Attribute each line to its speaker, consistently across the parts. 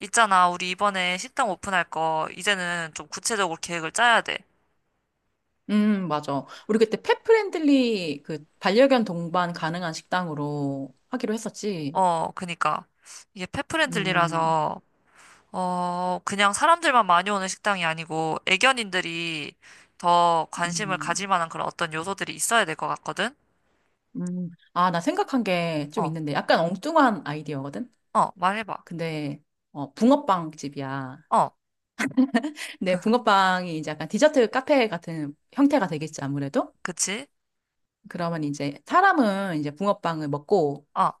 Speaker 1: 있잖아, 우리 이번에 식당 오픈할 거, 이제는 좀 구체적으로 계획을 짜야 돼.
Speaker 2: 맞아. 우리 그때 펫 프렌들리 그 반려견 동반 가능한 식당으로 하기로 했었지.
Speaker 1: 어, 그니까. 이게
Speaker 2: 음,
Speaker 1: 펫프렌들리라서, 어, 그냥 사람들만 많이 오는 식당이 아니고, 애견인들이 더 관심을 가질
Speaker 2: 음,
Speaker 1: 만한 그런 어떤 요소들이 있어야 될 것 같거든?
Speaker 2: 아, 나 생각한 게 좀
Speaker 1: 어,
Speaker 2: 있는데 약간 엉뚱한 아이디어거든?
Speaker 1: 어, 말해봐.
Speaker 2: 근데, 붕어빵 집이야.
Speaker 1: 어,
Speaker 2: 근데 붕어빵이 이제 약간 디저트 카페 같은 형태가 되겠지, 아무래도?
Speaker 1: 그치?
Speaker 2: 그러면 이제 사람은 이제 붕어빵을 먹고
Speaker 1: 어,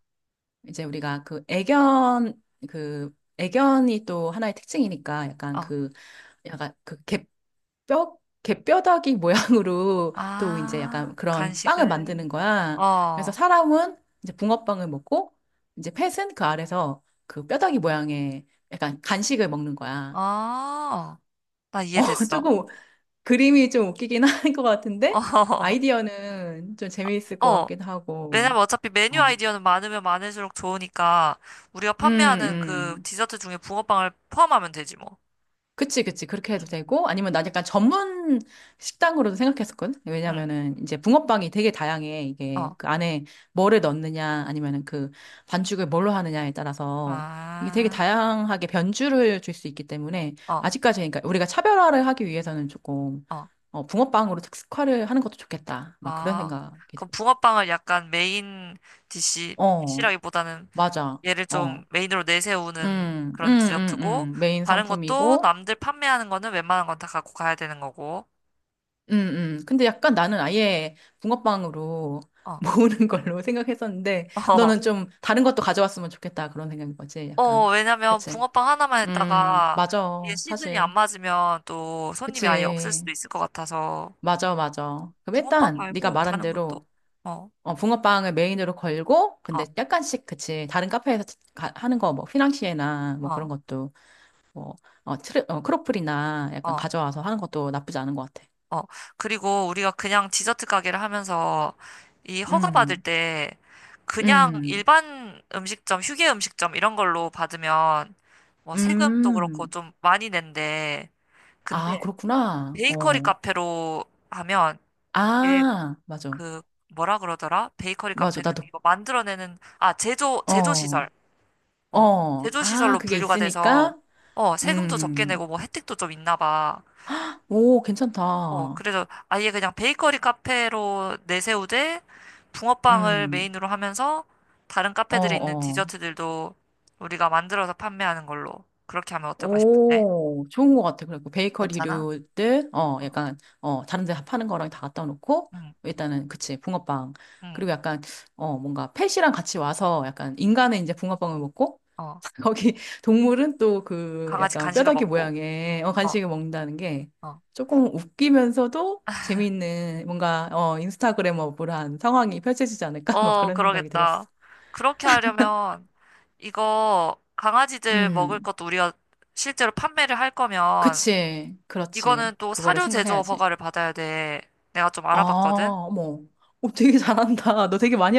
Speaker 2: 이제 우리가 그 애견이 또 하나의 특징이니까 약간
Speaker 1: 어.
Speaker 2: 그, 약간 그 개, 뼈, 개뼈다귀 모양으로 또 이제
Speaker 1: 아,
Speaker 2: 약간 그런 빵을
Speaker 1: 간식을.
Speaker 2: 만드는
Speaker 1: 어,
Speaker 2: 거야. 그래서
Speaker 1: 어.
Speaker 2: 사람은 이제 붕어빵을 먹고 이제 펫은 그 아래서 그 뼈다귀 모양의 약간 간식을 먹는 거야.
Speaker 1: 나 이해됐어.
Speaker 2: 조금 그림이 좀 웃기긴 한 것 같은데 아이디어는 좀 재미있을
Speaker 1: 어,
Speaker 2: 것
Speaker 1: 어.
Speaker 2: 같기도 하고.
Speaker 1: 왜냐면 어차피 메뉴
Speaker 2: 어.
Speaker 1: 아이디어는 많으면 많을수록 좋으니까 우리가
Speaker 2: 음,
Speaker 1: 판매하는 그
Speaker 2: 음.
Speaker 1: 디저트 중에 붕어빵을 포함하면 되지 뭐.
Speaker 2: 그치, 그치. 그렇게
Speaker 1: 음.
Speaker 2: 해도 되고, 아니면 난 약간 전문 식당으로도 생각했었거든?
Speaker 1: 응.
Speaker 2: 왜냐면은 이제 붕어빵이 되게 다양해. 이게
Speaker 1: 어.
Speaker 2: 그 안에 뭐를 넣느냐, 아니면은 그 반죽을 뭘로 하느냐에 따라서 이게 되게
Speaker 1: 아.
Speaker 2: 다양하게 변주를 줄 수 있기 때문에
Speaker 1: 어.
Speaker 2: 아직까지 그러니까 우리가 차별화를 하기 위해서는 조금
Speaker 1: 어.
Speaker 2: 붕어빵으로 특색화를 하는 것도 좋겠다. 막 그런
Speaker 1: 아.
Speaker 2: 생각이
Speaker 1: 그럼
Speaker 2: 들어.
Speaker 1: 붕어빵을 약간 메인 디시
Speaker 2: 어,
Speaker 1: 디시라기보다는
Speaker 2: 맞아.
Speaker 1: 얘를 좀
Speaker 2: 어.
Speaker 1: 메인으로 내세우는
Speaker 2: 음, 음,
Speaker 1: 그런
Speaker 2: 음,
Speaker 1: 디저트고,
Speaker 2: 메인
Speaker 1: 다른 것도
Speaker 2: 상품이고,
Speaker 1: 남들 판매하는 거는 웬만한 건 다 갖고 가야 되는 거고.
Speaker 2: 음, 근데 약간 나는 아예 붕어빵으로
Speaker 1: 어.
Speaker 2: 모으는 걸로 생각했었는데, 너는 좀 다른 것도 가져왔으면 좋겠다. 그런 생각인 거지, 약간.
Speaker 1: 어, 왜냐면
Speaker 2: 그치?
Speaker 1: 붕어빵 하나만 했다가 이게
Speaker 2: 맞아.
Speaker 1: 시즌이
Speaker 2: 사실.
Speaker 1: 안 맞으면 또 손님이 아예 없을
Speaker 2: 그치.
Speaker 1: 수도 있을 것 같아서,
Speaker 2: 맞아, 맞아. 그럼
Speaker 1: 붕어빵
Speaker 2: 일단, 네가
Speaker 1: 말고
Speaker 2: 말한
Speaker 1: 다른 것도.
Speaker 2: 대로,
Speaker 1: 어,
Speaker 2: 붕어빵을 메인으로 걸고,
Speaker 1: 어,
Speaker 2: 근데 약간씩, 그치. 다른 카페에서 하는 거, 뭐, 휘낭시에나, 뭐, 그런
Speaker 1: 어,
Speaker 2: 것도, 뭐, 크로플이나 약간
Speaker 1: 어,
Speaker 2: 가져와서 하는 것도 나쁘지 않은 것 같아.
Speaker 1: 어. 그리고 우리가 그냥 디저트 가게를 하면서 이 허가 받을
Speaker 2: 음,
Speaker 1: 때 그냥
Speaker 2: 음,
Speaker 1: 일반 음식점, 휴게 음식점 이런 걸로 받으면 뭐 세금도 그렇고
Speaker 2: 음.
Speaker 1: 좀 많이 낸대.
Speaker 2: 아,
Speaker 1: 근데
Speaker 2: 그렇구나.
Speaker 1: 베이커리
Speaker 2: 어.
Speaker 1: 카페로 하면, 예,
Speaker 2: 아, 맞아.
Speaker 1: 그 뭐라 그러더라? 베이커리
Speaker 2: 맞아.
Speaker 1: 카페는
Speaker 2: 나도,
Speaker 1: 이거 만들어내는 아 제조
Speaker 2: 어,
Speaker 1: 시설, 어, 제조
Speaker 2: 아,
Speaker 1: 시설로
Speaker 2: 그게
Speaker 1: 분류가 돼서
Speaker 2: 있으니까?
Speaker 1: 어 세금도 적게 내고
Speaker 2: 음.
Speaker 1: 뭐 혜택도 좀 있나 봐.
Speaker 2: 오,
Speaker 1: 어,
Speaker 2: 괜찮다.
Speaker 1: 그래서 아예 그냥 베이커리 카페로 내세우되 붕어빵을
Speaker 2: 음.
Speaker 1: 메인으로 하면서 다른
Speaker 2: 어,
Speaker 1: 카페들에 있는
Speaker 2: 어.
Speaker 1: 디저트들도 우리가 만들어서 판매하는 걸로 그렇게 하면 어떨까 싶은데,
Speaker 2: 오, 좋은 것 같아. 그래갖고
Speaker 1: 괜찮아?
Speaker 2: 베이커리류들,
Speaker 1: 어,
Speaker 2: 약간, 다른 데 파는 거랑 다 갖다 놓고,
Speaker 1: 응,
Speaker 2: 일단은, 그치, 붕어빵.
Speaker 1: 응,
Speaker 2: 그리고 약간, 뭔가 펫이랑 같이 와서 약간 인간은 이제 붕어빵을 먹고,
Speaker 1: 어,
Speaker 2: 거기 동물은 또 그
Speaker 1: 강아지
Speaker 2: 약간
Speaker 1: 간식을
Speaker 2: 뼈다귀
Speaker 1: 먹고.
Speaker 2: 모양의
Speaker 1: 어,
Speaker 2: 간식을 먹는다는 게
Speaker 1: 어.
Speaker 2: 조금 웃기면서도 재미있는 뭔가, 인스타그램어블한 상황이 펼쳐지지 않을까? 막
Speaker 1: 어,
Speaker 2: 그런 생각이 들었어.
Speaker 1: 그러겠다. 그렇게 하려면 이거 강아지들 먹을
Speaker 2: 음,
Speaker 1: 것도 우리가 실제로 판매를 할 거면
Speaker 2: 그치, 그렇지.
Speaker 1: 이거는 또
Speaker 2: 그거를
Speaker 1: 사료 제조
Speaker 2: 생각해야지.
Speaker 1: 허가를 받아야 돼. 내가 좀
Speaker 2: 아,
Speaker 1: 알아봤거든.
Speaker 2: 어머. 되게 잘한다. 너 되게 많이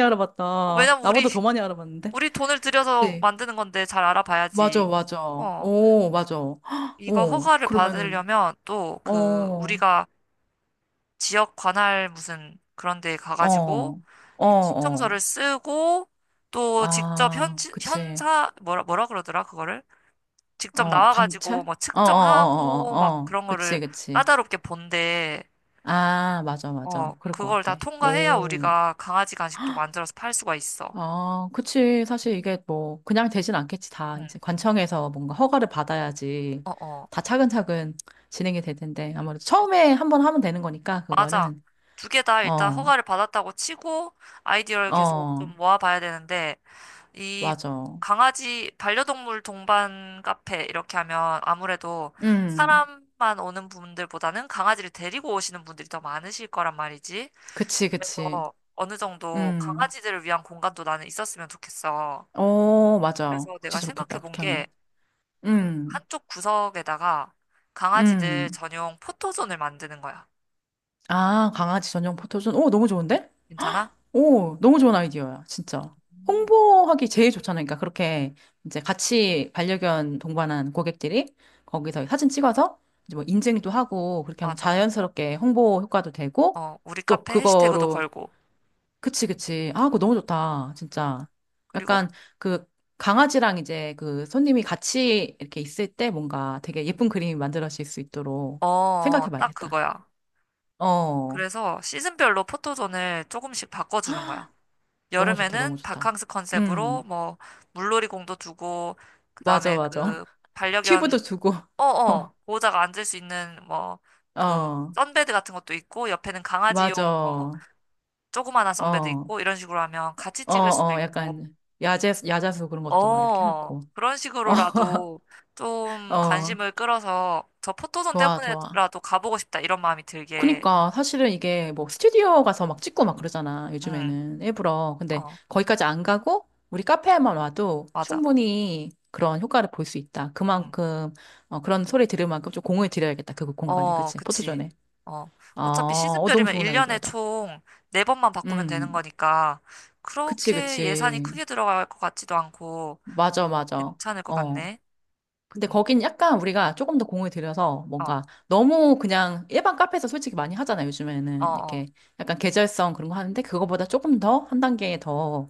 Speaker 1: 어,
Speaker 2: 알아봤다.
Speaker 1: 왜냐면 우리
Speaker 2: 나보다 더 많이 알아봤는데?
Speaker 1: 우리 돈을 들여서
Speaker 2: 그치?
Speaker 1: 만드는 건데 잘
Speaker 2: 맞아,
Speaker 1: 알아봐야지.
Speaker 2: 맞아.
Speaker 1: 어,
Speaker 2: 오, 맞아. 헉,
Speaker 1: 이거
Speaker 2: 오,
Speaker 1: 허가를
Speaker 2: 그러면은,
Speaker 1: 받으려면 또 그
Speaker 2: 어,
Speaker 1: 우리가 지역 관할 무슨 그런 데 가가지고
Speaker 2: 어, 어,
Speaker 1: 이거
Speaker 2: 어.
Speaker 1: 신청서를 쓰고, 또 직접 현
Speaker 2: 아, 그치.
Speaker 1: 현사 뭐라 뭐라 그러더라 그거를? 직접 나와가지고
Speaker 2: 감찰?
Speaker 1: 뭐
Speaker 2: 어, 어, 어, 어,
Speaker 1: 측정하고
Speaker 2: 어.
Speaker 1: 막
Speaker 2: 어.
Speaker 1: 그런
Speaker 2: 그치,
Speaker 1: 거를
Speaker 2: 그치.
Speaker 1: 까다롭게 본데,
Speaker 2: 아, 맞아,
Speaker 1: 어,
Speaker 2: 맞아. 그럴 것
Speaker 1: 그걸 다
Speaker 2: 같아.
Speaker 1: 통과해야
Speaker 2: 오.
Speaker 1: 우리가 강아지 간식도 만들어서 팔 수가 있어.
Speaker 2: 아, 그치. 사실 이게 뭐, 그냥 되진 않겠지. 다
Speaker 1: 응,
Speaker 2: 이제 관청에서 뭔가 허가를 받아야지
Speaker 1: 어, 어,
Speaker 2: 다 차근차근 진행이 될 텐데.
Speaker 1: 응.
Speaker 2: 아무래도 처음에 한 번 하면 되는 거니까,
Speaker 1: 맞아.
Speaker 2: 그거는.
Speaker 1: 두 개 다 일단
Speaker 2: 어,
Speaker 1: 허가를 받았다고 치고 아이디어를 계속 좀
Speaker 2: 어,
Speaker 1: 모아봐야 되는데, 이
Speaker 2: 맞아.
Speaker 1: 강아지 반려동물 동반 카페 이렇게 하면 아무래도
Speaker 2: 음,
Speaker 1: 사람만 오는 분들보다는 강아지를 데리고 오시는 분들이 더 많으실 거란 말이지.
Speaker 2: 그치, 그치.
Speaker 1: 그래서 어느 정도
Speaker 2: 음,
Speaker 1: 강아지들을 위한 공간도 나는 있었으면 좋겠어.
Speaker 2: 맞아.
Speaker 1: 그래서
Speaker 2: 그치,
Speaker 1: 내가
Speaker 2: 좋겠다.
Speaker 1: 생각해 본
Speaker 2: 그렇게
Speaker 1: 게
Speaker 2: 하면.
Speaker 1: 그
Speaker 2: 음,
Speaker 1: 한쪽 구석에다가 강아지들
Speaker 2: 음.
Speaker 1: 전용 포토존을 만드는 거야.
Speaker 2: 아, 강아지 전용 포토존. 오, 너무 좋은데?
Speaker 1: 괜찮아?
Speaker 2: 오, 너무 좋은 아이디어야, 진짜.
Speaker 1: 음.
Speaker 2: 홍보하기 제일 좋잖아요. 그러니까 그렇게 이제 같이 반려견 동반한 고객들이 거기서 사진 찍어서 이제 뭐 인증도 하고 그렇게 하면
Speaker 1: 맞아.
Speaker 2: 자연스럽게 홍보 효과도 되고
Speaker 1: 어, 우리
Speaker 2: 또
Speaker 1: 카페 해시태그도
Speaker 2: 그거로
Speaker 1: 걸고.
Speaker 2: 그치, 그치. 아, 그거 너무 좋다, 진짜.
Speaker 1: 그리고
Speaker 2: 약간 그 강아지랑 이제 그 손님이 같이 이렇게 있을 때 뭔가 되게 예쁜 그림이 만들어질 수 있도록
Speaker 1: 어, 어,
Speaker 2: 생각해
Speaker 1: 딱
Speaker 2: 봐야겠다.
Speaker 1: 그거야.
Speaker 2: 어,
Speaker 1: 그래서 시즌별로 포토존을 조금씩 바꿔주는 거야.
Speaker 2: 너무 좋다, 너무
Speaker 1: 여름에는
Speaker 2: 좋다.
Speaker 1: 바캉스 컨셉으로
Speaker 2: 음,
Speaker 1: 뭐 물놀이공도 두고,
Speaker 2: 맞아,
Speaker 1: 그다음에
Speaker 2: 맞아.
Speaker 1: 그
Speaker 2: 튜브도
Speaker 1: 반려견,
Speaker 2: 두고,
Speaker 1: 어어 보호자가 앉을 수 있는 뭐
Speaker 2: 어,
Speaker 1: 그
Speaker 2: 어,
Speaker 1: 선베드 같은 것도 있고, 옆에는
Speaker 2: 맞아.
Speaker 1: 강아지용 뭐 조그만한 선베드
Speaker 2: 어,
Speaker 1: 있고, 이런 식으로 하면 같이 찍을 수도 있고,
Speaker 2: 약간, 야자수 그런 것도 막 이렇게
Speaker 1: 어,
Speaker 2: 해놓고.
Speaker 1: 그런
Speaker 2: 어,
Speaker 1: 식으로라도 좀
Speaker 2: 어,
Speaker 1: 관심을 끌어서 저 포토존
Speaker 2: 좋아, 좋아.
Speaker 1: 때문에라도 가보고 싶다 이런 마음이 들게.
Speaker 2: 그니까, 사실은 이게 뭐 스튜디오 가서 막 찍고 막 그러잖아,
Speaker 1: 응어
Speaker 2: 요즘에는. 일부러. 근데 거기까지 안 가고, 우리 카페에만 와도
Speaker 1: 맞아.
Speaker 2: 충분히 그런 효과를 볼 수 있다. 그만큼, 그런 소리 들을 만큼 좀 공을 들여야겠다. 그 공간에.
Speaker 1: 응어
Speaker 2: 그치?
Speaker 1: 그치.
Speaker 2: 포토존에.
Speaker 1: 어,
Speaker 2: 어,
Speaker 1: 어차피
Speaker 2: 너무
Speaker 1: 시즌별이면
Speaker 2: 좋은
Speaker 1: 1년에
Speaker 2: 아이디어다.
Speaker 1: 총 4번만 바꾸면 되는
Speaker 2: 음,
Speaker 1: 거니까
Speaker 2: 그치,
Speaker 1: 그렇게 예산이
Speaker 2: 그치.
Speaker 1: 크게 들어갈 것 같지도 않고,
Speaker 2: 맞아, 맞아.
Speaker 1: 괜찮을 것
Speaker 2: 어.
Speaker 1: 같네.
Speaker 2: 근데
Speaker 1: 응.
Speaker 2: 거긴 약간 우리가 조금 더 공을 들여서
Speaker 1: 어,
Speaker 2: 뭔가 너무 그냥 일반 카페에서 솔직히 많이 하잖아,
Speaker 1: 어,
Speaker 2: 요즘에는.
Speaker 1: 어,
Speaker 2: 이렇게 약간 계절성 그런 거 하는데 그거보다 조금 더 한 단계 더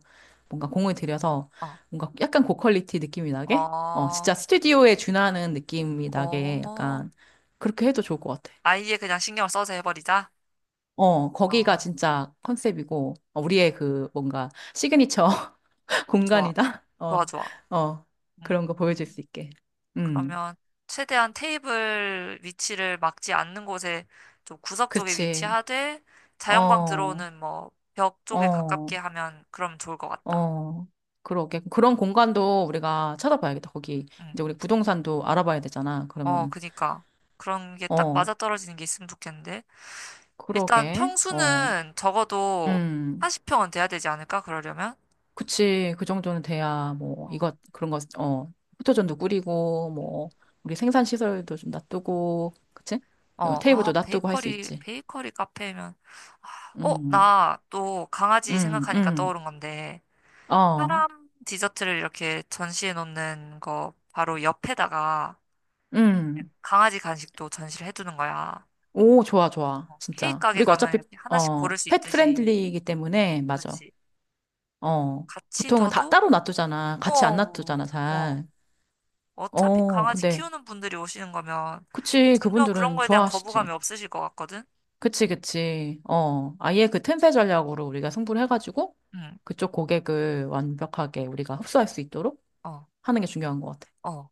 Speaker 2: 뭔가 공을 들여서
Speaker 1: 어,
Speaker 2: 뭔가 약간 고퀄리티 느낌이 나게? 진짜 스튜디오에 준하는 느낌이
Speaker 1: 어,
Speaker 2: 나게
Speaker 1: 어.
Speaker 2: 약간 그렇게 해도 좋을 것 같아.
Speaker 1: 아예 그냥 신경을 써서 해버리자. 어,
Speaker 2: 거기가
Speaker 1: 어,
Speaker 2: 진짜 컨셉이고, 우리의 그 뭔가 시그니처
Speaker 1: 좋아,
Speaker 2: 공간이다?
Speaker 1: 좋아,
Speaker 2: 어,
Speaker 1: 좋아.
Speaker 2: 어, 그런
Speaker 1: 음,
Speaker 2: 거 보여줄 수 있게. 음.
Speaker 1: 그러면 최대한 테이블 위치를 막지 않는 곳에 좀 구석 쪽에
Speaker 2: 그치.
Speaker 1: 위치하되 자연광
Speaker 2: 어,
Speaker 1: 들어오는 뭐 벽 쪽에
Speaker 2: 어,
Speaker 1: 가깝게 하면 그럼 좋을 것 같다.
Speaker 2: 어. 그러게. 그런 공간도 우리가 찾아봐야겠다. 거기,
Speaker 1: 응.
Speaker 2: 이제 우리 부동산도 알아봐야 되잖아.
Speaker 1: 어,
Speaker 2: 그러면은.
Speaker 1: 그니까. 그런 게 딱
Speaker 2: 어,
Speaker 1: 맞아떨어지는 게 있으면 좋겠는데. 일단
Speaker 2: 그러게. 어,
Speaker 1: 평수는 적어도
Speaker 2: 음.
Speaker 1: 40평은 돼야 되지 않을까? 그러려면?
Speaker 2: 그치. 그 정도는 돼야, 뭐,
Speaker 1: 어,
Speaker 2: 이것, 그런 거, 포토존도 꾸리고, 뭐, 우리 생산시설도 좀 놔두고, 그치?
Speaker 1: 어, 아,
Speaker 2: 테이블도 놔두고 할 수
Speaker 1: 베이커리,
Speaker 2: 있지.
Speaker 1: 베이커리 카페면. 어,
Speaker 2: 음,
Speaker 1: 나 또 강아지
Speaker 2: 음,
Speaker 1: 생각하니까
Speaker 2: 음.
Speaker 1: 떠오른 건데,
Speaker 2: 어,
Speaker 1: 사람 디저트를 이렇게 전시해 놓는 거 바로 옆에다가
Speaker 2: 음.
Speaker 1: 강아지 간식도 전시를 해두는 거야.
Speaker 2: 오, 좋아, 좋아.
Speaker 1: 어, 케이크
Speaker 2: 진짜.
Speaker 1: 가게
Speaker 2: 우리가
Speaker 1: 가면
Speaker 2: 어차피,
Speaker 1: 이렇게 하나씩 고를 수
Speaker 2: 펫
Speaker 1: 있듯이.
Speaker 2: 프렌들리이기 때문에, 맞아.
Speaker 1: 그렇지.
Speaker 2: 어,
Speaker 1: 같이
Speaker 2: 보통은 다
Speaker 1: 둬도,
Speaker 2: 따로 놔두잖아. 같이 안
Speaker 1: 어,
Speaker 2: 놔두잖아,
Speaker 1: 어,
Speaker 2: 잘.
Speaker 1: 어차피 강아지
Speaker 2: 근데,
Speaker 1: 키우는 분들이 오시는 거면
Speaker 2: 그치,
Speaker 1: 전혀 그런
Speaker 2: 그분들은
Speaker 1: 거에 대한
Speaker 2: 좋아하시지.
Speaker 1: 거부감이 없으실 것 같거든?
Speaker 2: 그치, 그치. 아예 그 틈새 전략으로 우리가 승부를 해가지고,
Speaker 1: 응,
Speaker 2: 그쪽 고객을 완벽하게 우리가 흡수할 수 있도록
Speaker 1: 어,
Speaker 2: 하는 게 중요한 것 같아.
Speaker 1: 어.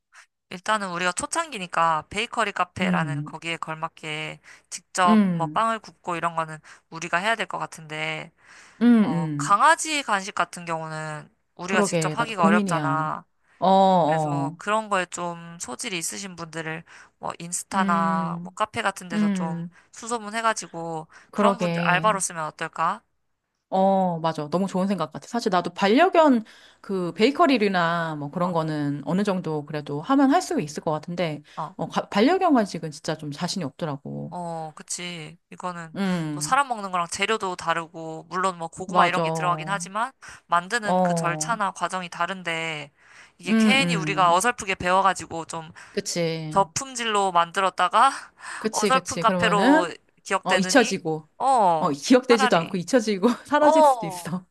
Speaker 1: 일단은 우리가 초창기니까 베이커리 카페라는
Speaker 2: 음,
Speaker 1: 거기에 걸맞게 직접 뭐
Speaker 2: 음,
Speaker 1: 빵을 굽고 이런 거는 우리가 해야 될 것 같은데,
Speaker 2: 음,
Speaker 1: 어,
Speaker 2: 음.
Speaker 1: 강아지 간식 같은 경우는 우리가
Speaker 2: 그러게,
Speaker 1: 직접
Speaker 2: 나도
Speaker 1: 하기가
Speaker 2: 고민이야.
Speaker 1: 어렵잖아.
Speaker 2: 어,
Speaker 1: 그래서
Speaker 2: 어.
Speaker 1: 그런 거에 좀 소질이 있으신 분들을 뭐 인스타나 뭐
Speaker 2: 음,
Speaker 1: 카페 같은 데서 좀
Speaker 2: 음.
Speaker 1: 수소문 해가지고 그런 분들 알바로
Speaker 2: 그러게.
Speaker 1: 쓰면 어떨까?
Speaker 2: 맞아. 너무 좋은 생각 같아. 사실 나도 반려견 그 베이커리나 뭐 그런
Speaker 1: 어,
Speaker 2: 거는 어느 정도 그래도 하면 할 수 있을 것 같은데,
Speaker 1: 어.
Speaker 2: 반려견 간식은 진짜 좀 자신이 없더라고.
Speaker 1: 어, 그치. 이거는 또
Speaker 2: 음,
Speaker 1: 사람 먹는 거랑 재료도 다르고, 물론 뭐 고구마 이런
Speaker 2: 맞아.
Speaker 1: 게 들어가긴 하지만, 만드는 그
Speaker 2: 어,
Speaker 1: 절차나 과정이 다른데,
Speaker 2: 음,
Speaker 1: 이게 괜히 우리가
Speaker 2: 음.
Speaker 1: 어설프게 배워가지고 좀
Speaker 2: 그치.
Speaker 1: 저품질로 만들었다가,
Speaker 2: 그치,
Speaker 1: 어설픈
Speaker 2: 그치.
Speaker 1: 카페로
Speaker 2: 그러면은,
Speaker 1: 기억되느니,
Speaker 2: 잊혀지고,
Speaker 1: 어,
Speaker 2: 기억되지도 않고
Speaker 1: 차라리,
Speaker 2: 잊혀지고 사라질 수도
Speaker 1: 어,
Speaker 2: 있어.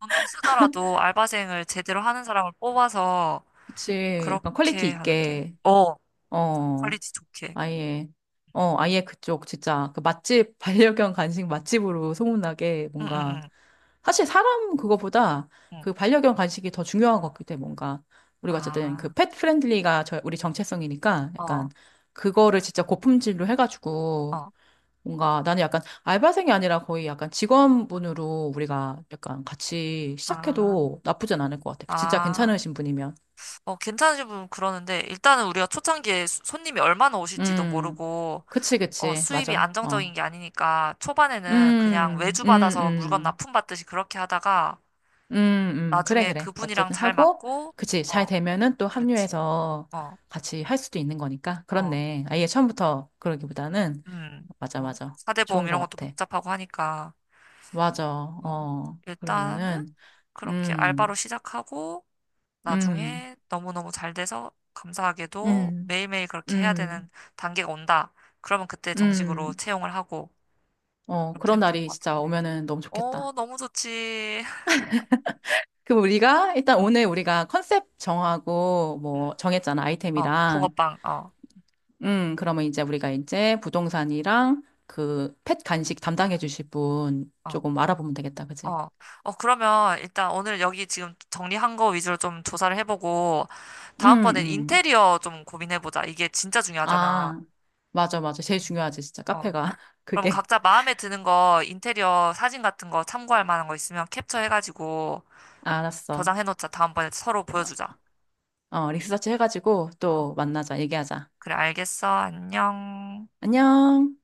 Speaker 1: 돈 좀 쓰더라도 알바생을 제대로 하는 사람을 뽑아서,
Speaker 2: 그치. 약간 퀄리티
Speaker 1: 그렇게 하는 게,
Speaker 2: 있게.
Speaker 1: 어,
Speaker 2: 어.
Speaker 1: 퀄리티 좋게.
Speaker 2: 아예, 아예 그쪽, 진짜, 그 맛집, 반려견 간식 맛집으로 소문나게
Speaker 1: 응, 응,
Speaker 2: 뭔가,
Speaker 1: 응,
Speaker 2: 사실 사람 그거보다
Speaker 1: 응.
Speaker 2: 그 반려견 간식이 더 중요한 것 같기 때문에 뭔가, 우리가 어쨌든 그
Speaker 1: 아,
Speaker 2: 펫 프렌들리가 우리 정체성이니까
Speaker 1: 어,
Speaker 2: 약간 그거를 진짜 고품질로 해가지고
Speaker 1: 어,
Speaker 2: 뭔가 나는 약간 알바생이 아니라 거의 약간 직원분으로 우리가 약간 같이
Speaker 1: 아.
Speaker 2: 시작해도 나쁘진 않을 것 같아. 그 진짜
Speaker 1: 아,
Speaker 2: 괜찮으신 분이면.
Speaker 1: 어, 괜찮으신 분 그러는데, 일단은 우리가 초창기에 손님이 얼마나 오실지도
Speaker 2: 음,
Speaker 1: 모르고,
Speaker 2: 그치,
Speaker 1: 어,
Speaker 2: 그치.
Speaker 1: 수입이
Speaker 2: 맞아.
Speaker 1: 안정적인
Speaker 2: 어.
Speaker 1: 게 아니니까, 초반에는 그냥
Speaker 2: 음,
Speaker 1: 외주
Speaker 2: 음,
Speaker 1: 받아서 물건
Speaker 2: 음.
Speaker 1: 납품받듯이 그렇게 하다가,
Speaker 2: 그래,
Speaker 1: 나중에
Speaker 2: 그래.
Speaker 1: 그분이랑
Speaker 2: 어쨌든
Speaker 1: 잘
Speaker 2: 하고,
Speaker 1: 맞고,
Speaker 2: 그치. 잘
Speaker 1: 어,
Speaker 2: 되면은 또
Speaker 1: 그렇지.
Speaker 2: 합류해서
Speaker 1: 어,
Speaker 2: 같이 할 수도 있는 거니까.
Speaker 1: 어,
Speaker 2: 그렇네. 아예 처음부터 그러기보다는.
Speaker 1: 음,
Speaker 2: 맞아,
Speaker 1: 어,
Speaker 2: 맞아.
Speaker 1: 사대보험
Speaker 2: 좋은 것
Speaker 1: 이런 것도
Speaker 2: 같아.
Speaker 1: 복잡하고 하니까,
Speaker 2: 맞아.
Speaker 1: 어, 일단은
Speaker 2: 그러면은,
Speaker 1: 그렇게 알바로
Speaker 2: 음,
Speaker 1: 시작하고,
Speaker 2: 음,
Speaker 1: 나중에 너무너무 잘 돼서 감사하게도
Speaker 2: 음,
Speaker 1: 매일매일 그렇게 해야
Speaker 2: 음,
Speaker 1: 되는 단계가 온다. 그러면 그때 정식으로
Speaker 2: 음.
Speaker 1: 채용을 하고 이렇게
Speaker 2: 그런
Speaker 1: 해도 될
Speaker 2: 날이
Speaker 1: 것
Speaker 2: 진짜
Speaker 1: 같은데.
Speaker 2: 오면은 너무 좋겠다.
Speaker 1: 어, 너무 좋지.
Speaker 2: 그럼 우리가, 일단
Speaker 1: 어,
Speaker 2: 오늘 우리가 컨셉 정하고,
Speaker 1: 응.
Speaker 2: 뭐, 정했잖아,
Speaker 1: 어,
Speaker 2: 아이템이랑.
Speaker 1: 붕어빵. 어,
Speaker 2: 그러면 이제 우리가 이제 부동산이랑 그 펫 간식 담당해 주실 분
Speaker 1: 어,
Speaker 2: 조금 알아보면 되겠다, 그지?
Speaker 1: 어. 어, 그러면 일단 오늘 여기 지금 정리한 거 위주로 좀 조사를 해보고
Speaker 2: 음,
Speaker 1: 다음번엔
Speaker 2: 음.
Speaker 1: 인테리어 좀 고민해보자. 이게 진짜 중요하잖아.
Speaker 2: 아, 맞아, 맞아. 제일
Speaker 1: 음.
Speaker 2: 중요하지, 진짜.
Speaker 1: 어.
Speaker 2: 카페가.
Speaker 1: 그럼
Speaker 2: 그게.
Speaker 1: 각자 마음에 드는 거 인테리어 사진 같은 거 참고할 만한 거 있으면 캡처해가지고
Speaker 2: 알았어.
Speaker 1: 저장해놓자. 다음번에 서로 보여주자.
Speaker 2: 리서치 해가지고
Speaker 1: 어,
Speaker 2: 또 만나자, 얘기하자.
Speaker 1: 그래, 알겠어. 안녕.
Speaker 2: 안녕.